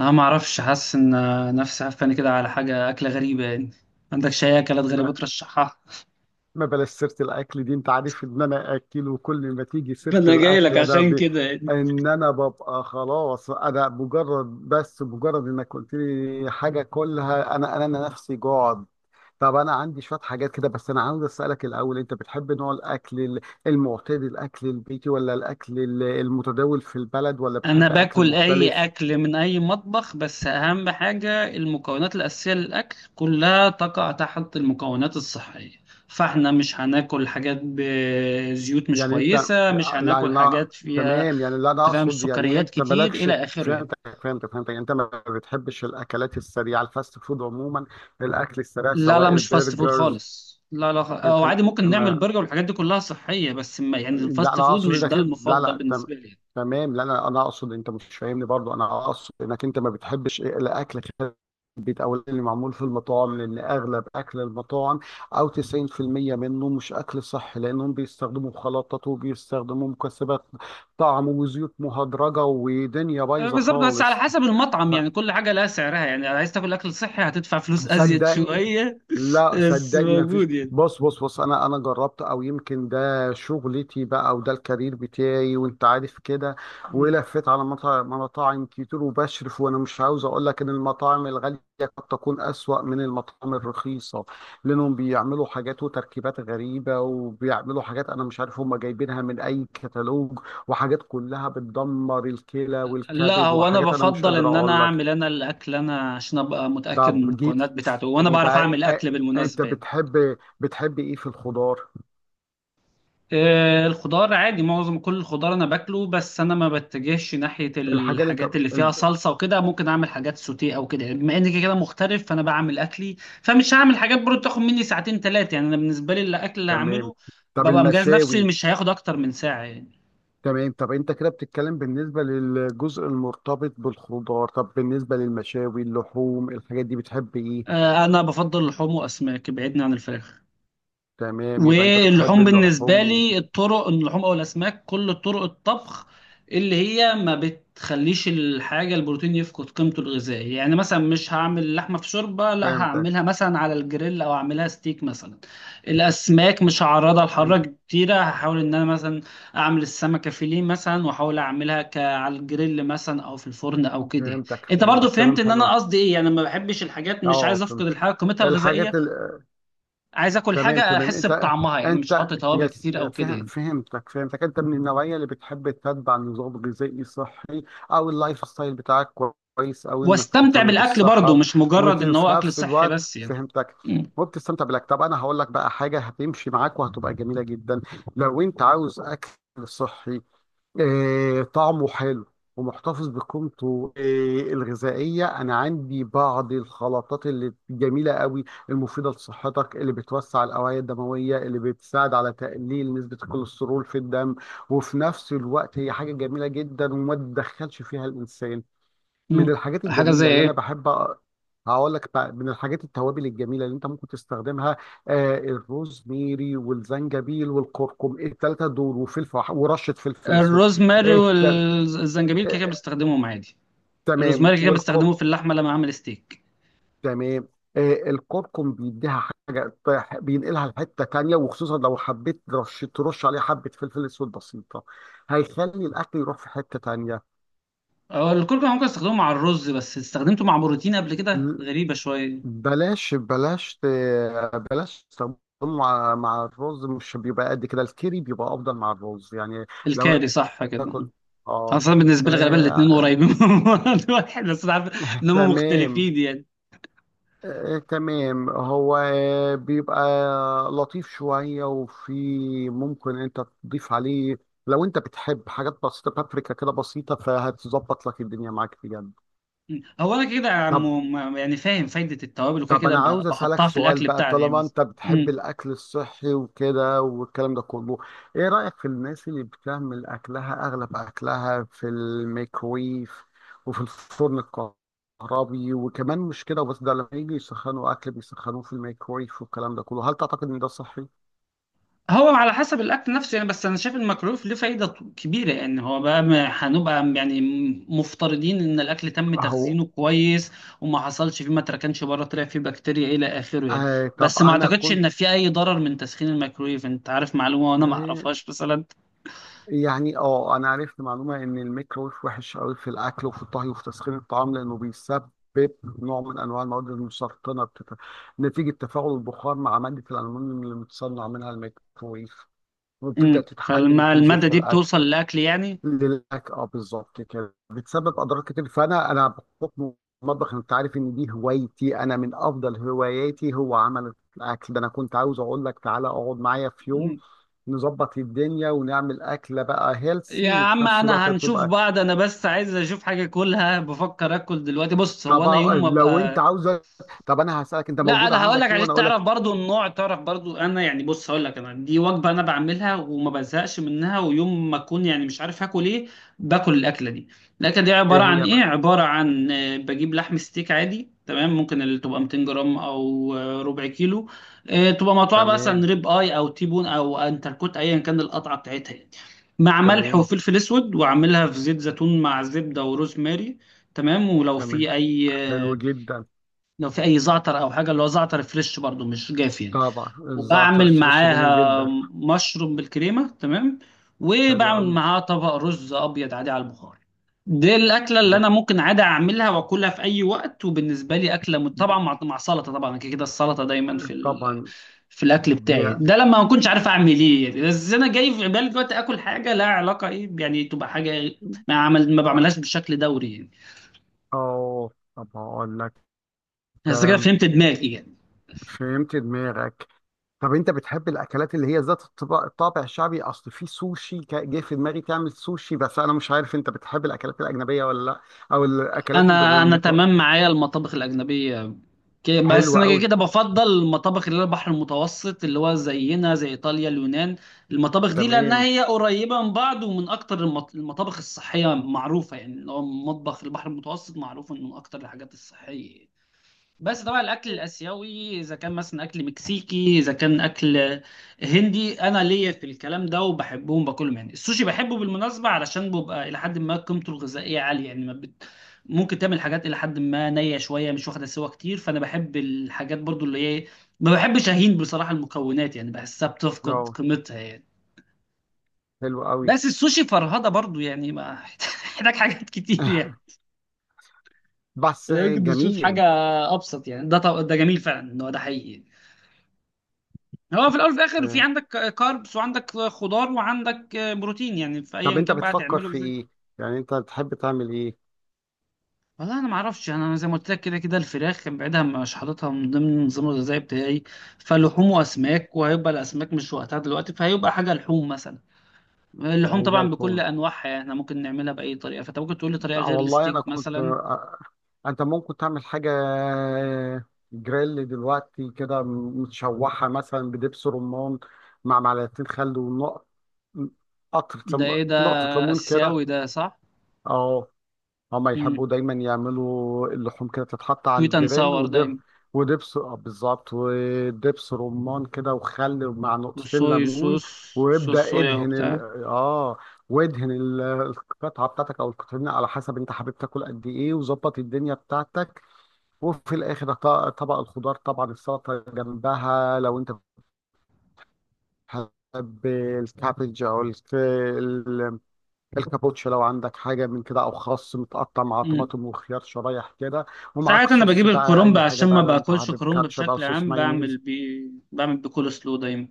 انا ما اعرفش حاسس ان نفسي هفاني كده على حاجه اكله غريبه، يعني ما عندكش اي اكلات غريبه ما ترشحها؟ ما بلاش سيرة الأكل دي، أنت عارف إن أنا أكل وكل ما تيجي سيرة فانا جاي لك الأكل ده عشان ب... كده يعني. إن أنا ببقى خلاص، أنا مجرد بس مجرد إنك قلت لي حاجة كلها أنا نفسي جوعد. طب أنا عندي شوية حاجات كده، بس أنا عاوز أسألك الأول، أنت بتحب نوع الأكل ال- المعتاد، الأكل البيتي، ولا الأكل ال- المتداول في البلد، ولا انا بتحب أكل باكل اي مختلف؟ اكل من اي مطبخ، بس اهم حاجه المكونات الاساسيه للاكل كلها تقع تحت المكونات الصحيه. فاحنا مش هناكل حاجات بزيوت مش يعني انت، كويسه، مش لا هناكل انا حاجات فيها، تمام، يعني اللي انا انت فاهم، اقصد يعني السكريات انت كتير مالكش. الى اخره يعني. فهمتك يعني انت ما بتحبش الاكلات السريعه، الفاست فود عموما، الاكل السريع لا لا، سواء مش فاست فود البرجرز. خالص، لا لا، او انت عادي لا, ممكن نعمل ما... برجر والحاجات دي كلها صحية، بس ما يعني لا الفاست انا فود اقصد مش ده انك انت- لا المفضل لا تم... بالنسبة لي يعني. تمام، لا لا انا اقصد انت مش فاهمني برضو، انا اقصد انك انت ما بتحبش إيه، الاكل البيت او اللي معمول في المطاعم، لان اغلب اكل المطاعم او 90% منه مش اكل صح، لانهم بيستخدموا مخلطات وبيستخدموا مكسبات طعم وزيوت مهدرجه ودنيا آه، بايظه بالظبط، بس على خالص. حسب المطعم يعني. كل حاجة لها سعرها يعني، عايز تاكل أكل صحي هتدفع فلوس أزيد صدقني، شوية. لا بس صدقني ما فيش. موجود يعني. بص بص بص انا جربت، او يمكن ده شغلتي بقى وده الكارير بتاعي وانت عارف كده. مم. ولفيت على مطاعم كتير وبشرف، وانا مش عاوز اقول لك ان المطاعم الغاليه قد تكون اسوأ من المطاعم الرخيصه، لانهم بيعملوا حاجات وتركيبات غريبه، وبيعملوا حاجات انا مش عارف هم جايبينها من اي كتالوج، وحاجات كلها بتدمر الكلى لا والكبد، هو أنا وحاجات انا مش بفضل قادر إن أنا اقول لك. أعمل أنا الأكل، أنا عشان أبقى متأكد من طب جيت المكونات بتاعته، وأنا حبيبي بعرف ع- أعمل ع- أكل انت بالمناسبة يعني. بتحب ايه في الخضار؟ آه، الخضار عادي، معظم كل الخضار انا باكله، بس انا ما بتجهش ناحيه الحاجه اللي انت الحاجات اللي فيها ال- صلصه وكده. ممكن اعمل حاجات سوتيه او كده يعني، بما اني كده كده مغترب فانا بعمل اكلي. فمش هعمل حاجات برضه تاخد مني ساعتين ثلاثه يعني. انا بالنسبه لي الاكل اللي تمام. هعمله طب ببقى مجهز نفسي المشاوي. مش هياخد اكتر من ساعه يعني. تمام، طب انت كده بتتكلم بالنسبه للجزء المرتبط بالخضار، طب بالنسبه للمشاوي، اللحوم، الحاجات دي بتحب ايه؟ آه، انا بفضل اللحوم واسماك، بعيدني عن الفراخ. تمام، يبقى انت بتحب واللحوم بالنسبة اللحوم. لي الطرق، اللحوم أو الأسماك، كل طرق الطبخ اللي هي ما بتخليش الحاجة البروتين يفقد قيمته الغذائية. يعني مثلا مش هعمل لحمة في شوربة، لا فهمتك هعملها مثلا على الجريل أو أعملها ستيك مثلا. الأسماك مش هعرضها لحرارة فهمتك كتيرة، هحاول إن أنا مثلا أعمل السمكة فيليه مثلا، وأحاول أعملها على الجريل مثلا أو في الفرن أو كده. فهمتك أنت برضو فهمتك فهمت تمام إن حلو. أنا قصدي إيه يعني، ما بحبش الحاجات، مش اه عايز فهمت. أفقد الحاجة قيمتها الغذائية. الحاجات ال- عايز اكل تمام حاجه تمام. احس انت بطعمها يعني، مش انت احط توابل يس كتير او كده فهم يعني. فهمتك. انت من النوعيه اللي بتحب تتبع نظام غذائي صحي، او اللايف ستايل بتاعك، كويس، او انك واستمتع بتهتم بالاكل برضه، بالصحه. مش مجرد ان وفي هو اكل نفس صحي الوقت بس يعني. فهمتك، مم. وبتستمتع بالاكل. طب انا هقول لك بقى حاجه هتمشي معاك وهتبقى جميله جدا. لو انت عاوز اكل صحي، طعمه حلو ومحتفظ بقيمته، الغذائية. أنا عندي بعض الخلطات اللي جميلة قوي، المفيدة لصحتك، اللي بتوسع الأوعية الدموية، اللي بتساعد على تقليل نسبة الكوليسترول في الدم، وفي نفس الوقت هي حاجة جميلة جدا وما تدخلش فيها الإنسان. من مم. الحاجات حاجه زي الجميلة اللي أنا ايه؟ بحب أ- هقول لك بقى. من الحاجات التوابل الجميلة اللي أنت ممكن تستخدمها، آه الروزميري والزنجبيل والكركم الثلاثة دول، وفلفل، ورشة فلفل أسود. الروزماري التل... والزنجبيل كده آه، كده بستخدمهم عادي. تمام الروزماري كده كده بستخدمه في والكركم. اللحمه لما اعمل ستيك. تمام. آه الكركم بيديها حاجة طيح- بينقلها لحتة تانية، وخصوصا لو حبيت ترش عليه حبة فلفل أسود بسيطة، هيخلي الأكل يروح في حتة تانية. أه، الكركم ممكن استخدمه مع الرز، بس استخدمته مع بروتين قبل كده، غريبه شويه. بلاش ت- بلاش تستخدمه مع الرز، مش بيبقى قد كده. الكيري بيبقى افضل مع الرز يعني. لو انت الكاري صح كده؟ تاكل اه، خاصة بالنسبة لي غالبا الاتنين آه، قريبين من بعض. واحد، بس أنا عارف إن هم تمام. مختلفين يعني. تمام، هو بيبقى لطيف شوية، وفي ممكن انت تضيف عليه، لو انت بتحب حاجات بسيطة، بابريكا كده بسيطة، فهتظبط لك الدنيا معاك بجد. مم. هو انا كده يا عم، طب يعني فاهم فايده التوابل وكده طب كده انا عاوز اسالك بحطها في سؤال الاكل بقى، بتاعي يعني طالما بس. انت بتحب مم. الاكل الصحي وكده والكلام ده كله، ايه رايك في الناس اللي بتعمل اكلها اغلب اكلها في الميكرويف وفي الفرن الكهربي؟ وكمان مش كده وبس، ده لما يجي يسخنوا اكل بيسخنوه في الميكرويف والكلام ده كله، هل تعتقد ان ده صحي؟ هو على حسب الاكل نفسه يعني، بس انا شايف المكروف له فايده كبيره يعني. هو بقى هنبقى يعني مفترضين ان الاكل تم اهو. تخزينه كويس، وما حصلش فيه، ما تركنش بره طلع فيه بكتيريا الى اخره يعني. آه طب بس ما انا اعتقدش كنت. ان في اي ضرر من تسخين الميكرويف، انت عارف معلومه وانا ما اعرفهاش مثلا. يعني اه انا عرفت معلومه ان الميكرويف وحش قوي في الاكل وفي الطهي وفي تسخين الطعام، لانه بيسبب نوع من انواع المواد المسرطنه بتت... نتيجه تفاعل البخار مع ماده الالومنيوم اللي متصنع منها الميكرويف، وبتبدا مم. تتحلل وتنزل فالماده في دي الاكل. بتوصل للاكل يعني. للاكل، اه بالظبط كده، بتسبب اضرار كتير. فانا بحكم المطبخ انت عارف ان دي هوايتي، انا من افضل هواياتي هو عمل الاكل ده. انا كنت عاوز اقول لك تعالى اقعد معايا في يوم، نظبط الدنيا ونعمل اكله بقى يا هيلسي، وفي عم نفس انا الوقت هنشوف تبقى. بعض، انا بس عايز اشوف حاجه اكلها، بفكر اكل دلوقتي. بص طب هو انا يوم ما لو انت ابقى، عاوزه، طب انا هسالك انت لا موجوده انا هقول لك عندك ايه عشان وانا اقول تعرف لك. برضو النوع، تعرف برضو انا يعني. بص هقول لك، انا دي وجبه انا بعملها وما بزهقش منها، ويوم ما اكون يعني مش عارف هاكل ايه باكل الاكله دي. الاكله دي ايه عباره عن هي ايه؟ بقى. عباره عن آه، بجيب لحم ستيك عادي، تمام، ممكن اللي تبقى 200 جرام او آه، ربع كيلو. آه، تبقى مقطوعه مثلا تمام ريب اي او تيبون او انتركوت، ايا كان القطعه بتاعتها يعني. مع ملح تمام وفلفل اسود، واعملها في زيت زيتون مع زبده وروز ماري. تمام، ولو تمام. في اي حلو آه، جدا. لو في اي زعتر او حاجه، اللي هو زعتر فريش برضو مش جاف يعني. طبعا الزعتر وبعمل الشريش جميل معاها جدا. مشروم بالكريمه، تمام. حلو وبعمل قوي. معاها طبق رز ابيض عادي على البخار. دي الاكله اللي جا- انا ممكن عادي اعملها واكلها في اي وقت، وبالنسبه لي اكله طبعا مع مع سلطه طبعا. أنا كده كده السلطه دايما في طبعا. في الاكل دي. بتاعي ده. لما ما كنتش عارف اعمل ايه يعني، بس انا جاي في بالي دلوقتي اكل حاجه لها علاقه ايه يعني، تبقى حاجه إيه، ما عمل ما بعملهاش بشكل دوري يعني. اه طب هقول لك. بس كده تمام. فهمت دماغي يعني. فهمت دماغك. طب انت بتحب الاكلات اللي هي ذات الطباع- الطابع الشعبي؟ اصل في سوشي كا- جه في دماغي تعمل سوشي، بس انا مش عارف انت بتحب الاكلات الاجنبيه ولا لا، او الاكلات اللي غير انا المط... تمام معايا المطابخ الاجنبيه، بس حلوه انا كده قوي. كده بفضل المطابخ اللي هي البحر المتوسط، اللي هو زينا زي ايطاليا، اليونان. المطابخ دي لانها تمام هي قريبه من بعض، ومن اكتر المطابخ الصحيه معروفه يعني. اللي هو مطبخ البحر المتوسط معروف انه من اكتر الحاجات الصحيه. بس طبعا الاكل الاسيوي، اذا كان مثلا اكل مكسيكي، اذا كان اكل هندي، انا ليا في الكلام ده وبحبهم باكلهم يعني. السوشي بحبه بالمناسبه علشان بيبقى الى حد ما قيمته الغذائيه عاليه يعني. ما ممكن تعمل حاجات الى حد ما نيه شويه مش واخده سوا كتير، فانا بحب الحاجات برضو اللي هي، ما بحبش اهين بصراحه المكونات يعني، بحسها بتفقد اه. قيمتها يعني. حلوه قوي. بس السوشي فرهده برضو يعني، ما محتاج حاجات كتير يعني. بس ممكن نشوف جميل. حاجه ابسط يعني. ده ده جميل فعلا ان هو ده حقيقي. هو في الاول وفي الاخر، في آه. عندك كاربس وعندك خضار وعندك بروتين، يعني في طب ايا انت كان بقى بتفكر تعمله في ازاي. ايه؟ يعني انت تحب تعمل ايه؟ والله انا ما اعرفش، انا زي ما قلت لك كده كده الفراخ كان بعيدها، مش حاططها من ضمن النظام الغذائي بتاعي. فلحوم واسماك، وهيبقى الاسماك مش وقتها دلوقتي، فهيبقى حاجه لحوم مثلا. اللحوم حاجه طبعا بكل لحوم. انواعها يعني، احنا ممكن نعملها باي طريقه، فانت ممكن تقول لي طريقه لا غير والله انا الستيك كنت، مثلا. انت ممكن تعمل حاجه جريل دلوقتي كده متشوحه مثلا بدبس رمان، مع معلقتين خل ونقطه، قطرة ده لم... ايه ده، نقطه ليمون كده. اسيوي ده صح؟ اه، هما امم، يحبوا دايما يعملوا اللحوم كده، تتحط على سويت اند الجريل ساور ودب. دايما. ودبس بالظبط. ودبس رمان كده، وخل مع نقطتين والصويا ليمون. صوص، صوص وابدأ صويا ادهن ال... وبتاع. اه وادهن ال- القطعة بتاعتك، او القطعين على حسب انت حابب تاكل قد ايه، وظبط الدنيا بتاعتك. وفي الاخر ط- طبق الخضار طبعا، السلطة جنبها، لو انت بتحب الكابج او الكابوتشا، لو عندك حاجة من كده، أو خس متقطع مع طماطم وخيار شرايح كده، ومعاك ساعات انا صوص بجيب بقى، الكرنب أي حاجة عشان ما بقى، لو أنت باكلش حابب كرنب كاتشب أو بشكل صوص عام، بعمل مايونيز. بيه، بعمل بيه كول سلو دايما.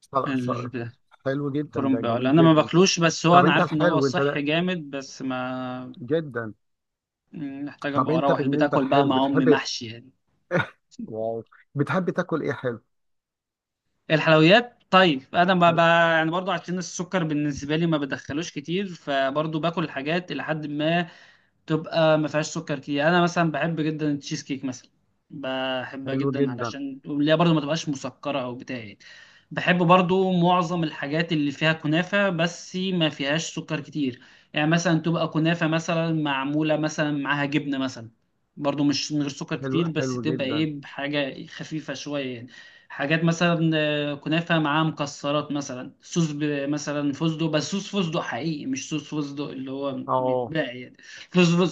ص- ص- ال- حلو جدا، ده الكرنب، ولا جميل انا ما جدا. باكلوش، بس هو طب انا أنت عارف ان هو الحلو أنت صحي لا- جامد، بس ما جدا. محتاج طب ابقى أنت اروح البيت بالنسبة اكل بقى للحلو مع امي بتحب. محشي يعني. واو، بتحب تاكل إيه حلو؟ الحلويات، طيب انا ما ب... يعني برضو عشان السكر بالنسبه لي ما بدخلوش كتير، فبرضو باكل الحاجات الى حد ما تبقى ما فيهاش سكر كتير يعني. انا مثلا بحب جدا التشيز كيك مثلا، بحبها حلو جدا جدا. علشان اللي هي برضو ما تبقاش مسكره او بتاع يعني. بحب برضو معظم الحاجات اللي فيها كنافه، بس ما فيهاش سكر كتير يعني. مثلا تبقى كنافه مثلا معموله مثلا معاها جبنه مثلا، برضو مش من غير سكر كتير، بس حلو تبقى جدا. ايه، بحاجه خفيفه شويه يعني. حاجات مثلا آه، كنافه معاها مكسرات مثلا، صوص مثلا فستق، بس صوص فستق حقيقي، مش صوص فستق اللي هو أه بيتباع يعني. فستق،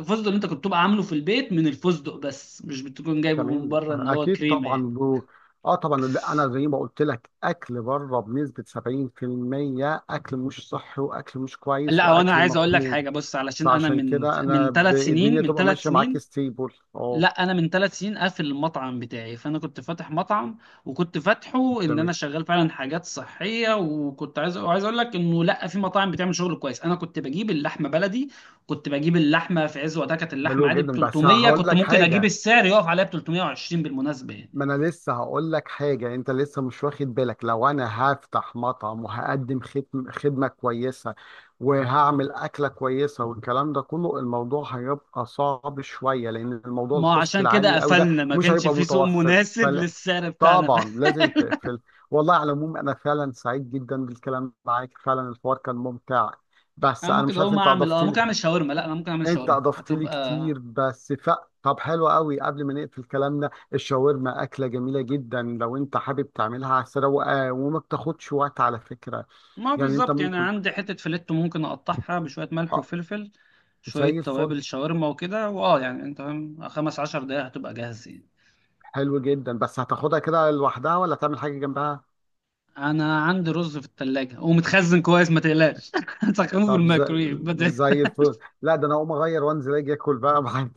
فستق اللي انت كنت تبقى عامله في البيت من الفستق، بس مش بتكون جايبه من تمام بره ان هو اكيد كريمه طبعا يعني. له. اه طبعا، لا انا زي ما قلت لك، اكل بره بنسبه 70% اكل مش صحي، واكل مش كويس، لا وانا واكل عايز اقول لك مخلوط. حاجه، بص علشان انا فعشان من كده انا من ب... ثلاث الدنيا سنين، تبقى ماشيه معاك ستيبل. اه لا انا من ثلاث سنين قافل المطعم بتاعي. فانا كنت فاتح مطعم، وكنت فاتحه ان تمام. انا شغال فعلا حاجات صحيه، وكنت عايز وعايز اقول لك انه لا في مطاعم بتعمل شغل كويس. انا كنت بجيب اللحمه بلدي، كنت بجيب اللحمه في عز وقتها، كانت اللحمه حلو عادي ب جدا، بس 300، هقول كنت لك ممكن اجيب حاجه. السعر يقف عليها ب 320 بالمناسبه يعني. ما انا لسه هقول لك حاجه، انت لسه مش واخد بالك، لو انا هفتح مطعم وهقدم خدم- خدمه كويسه وهعمل اكله كويسه والكلام ده كله، الموضوع هيبقى صعب شويه، لان الموضوع ما الكوست عشان كده العالي قوي ده قفلنا، ما مش كانش هيبقى في سوق متوفر مناسب فل... للسعر بتاعنا. طبعا لازم تقفل. والله على العموم انا فعلا سعيد جدا بالكلام معاك، فعلا الحوار كان ممتع. بس انا انا ممكن مش عارف اقوم انت اعمل اضفت. اه ممكن اعمل شاورما، لا انا ممكن اعمل انت شاورما اضفت لي هتبقى، كتير، بس ف... طب حلو قوي، قبل ما نقفل كلامنا، الشاورما اكله جميله جدا لو انت حابب تعملها على السريع، وما بتاخدش وقت على فكره. ما يعني انت بالظبط يعني. ممكن عندي حتة فيليتو ممكن اقطعها بشوية ملح آه، وفلفل، زي شوية الفل. توابل شاورما وكده، واه يعني انت فاهم، خمس عشر دقايق هتبقى جاهز يعني. حلو جدا، بس هتاخدها كده لوحدها ولا تعمل حاجه جنبها؟ انا عندي رز في التلاجة ومتخزن كويس، ما تقلقش، هسخنه في طب زي, الميكرويف. زي الفل، لا ده انا اقوم اغير وانزل اجي اكل بقى معاك.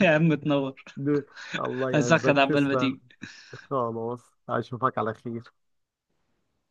يا عم تنور، الله هسخن يعزك، عبال ما تسلم. تيجي. خلاص اشوفك على خير.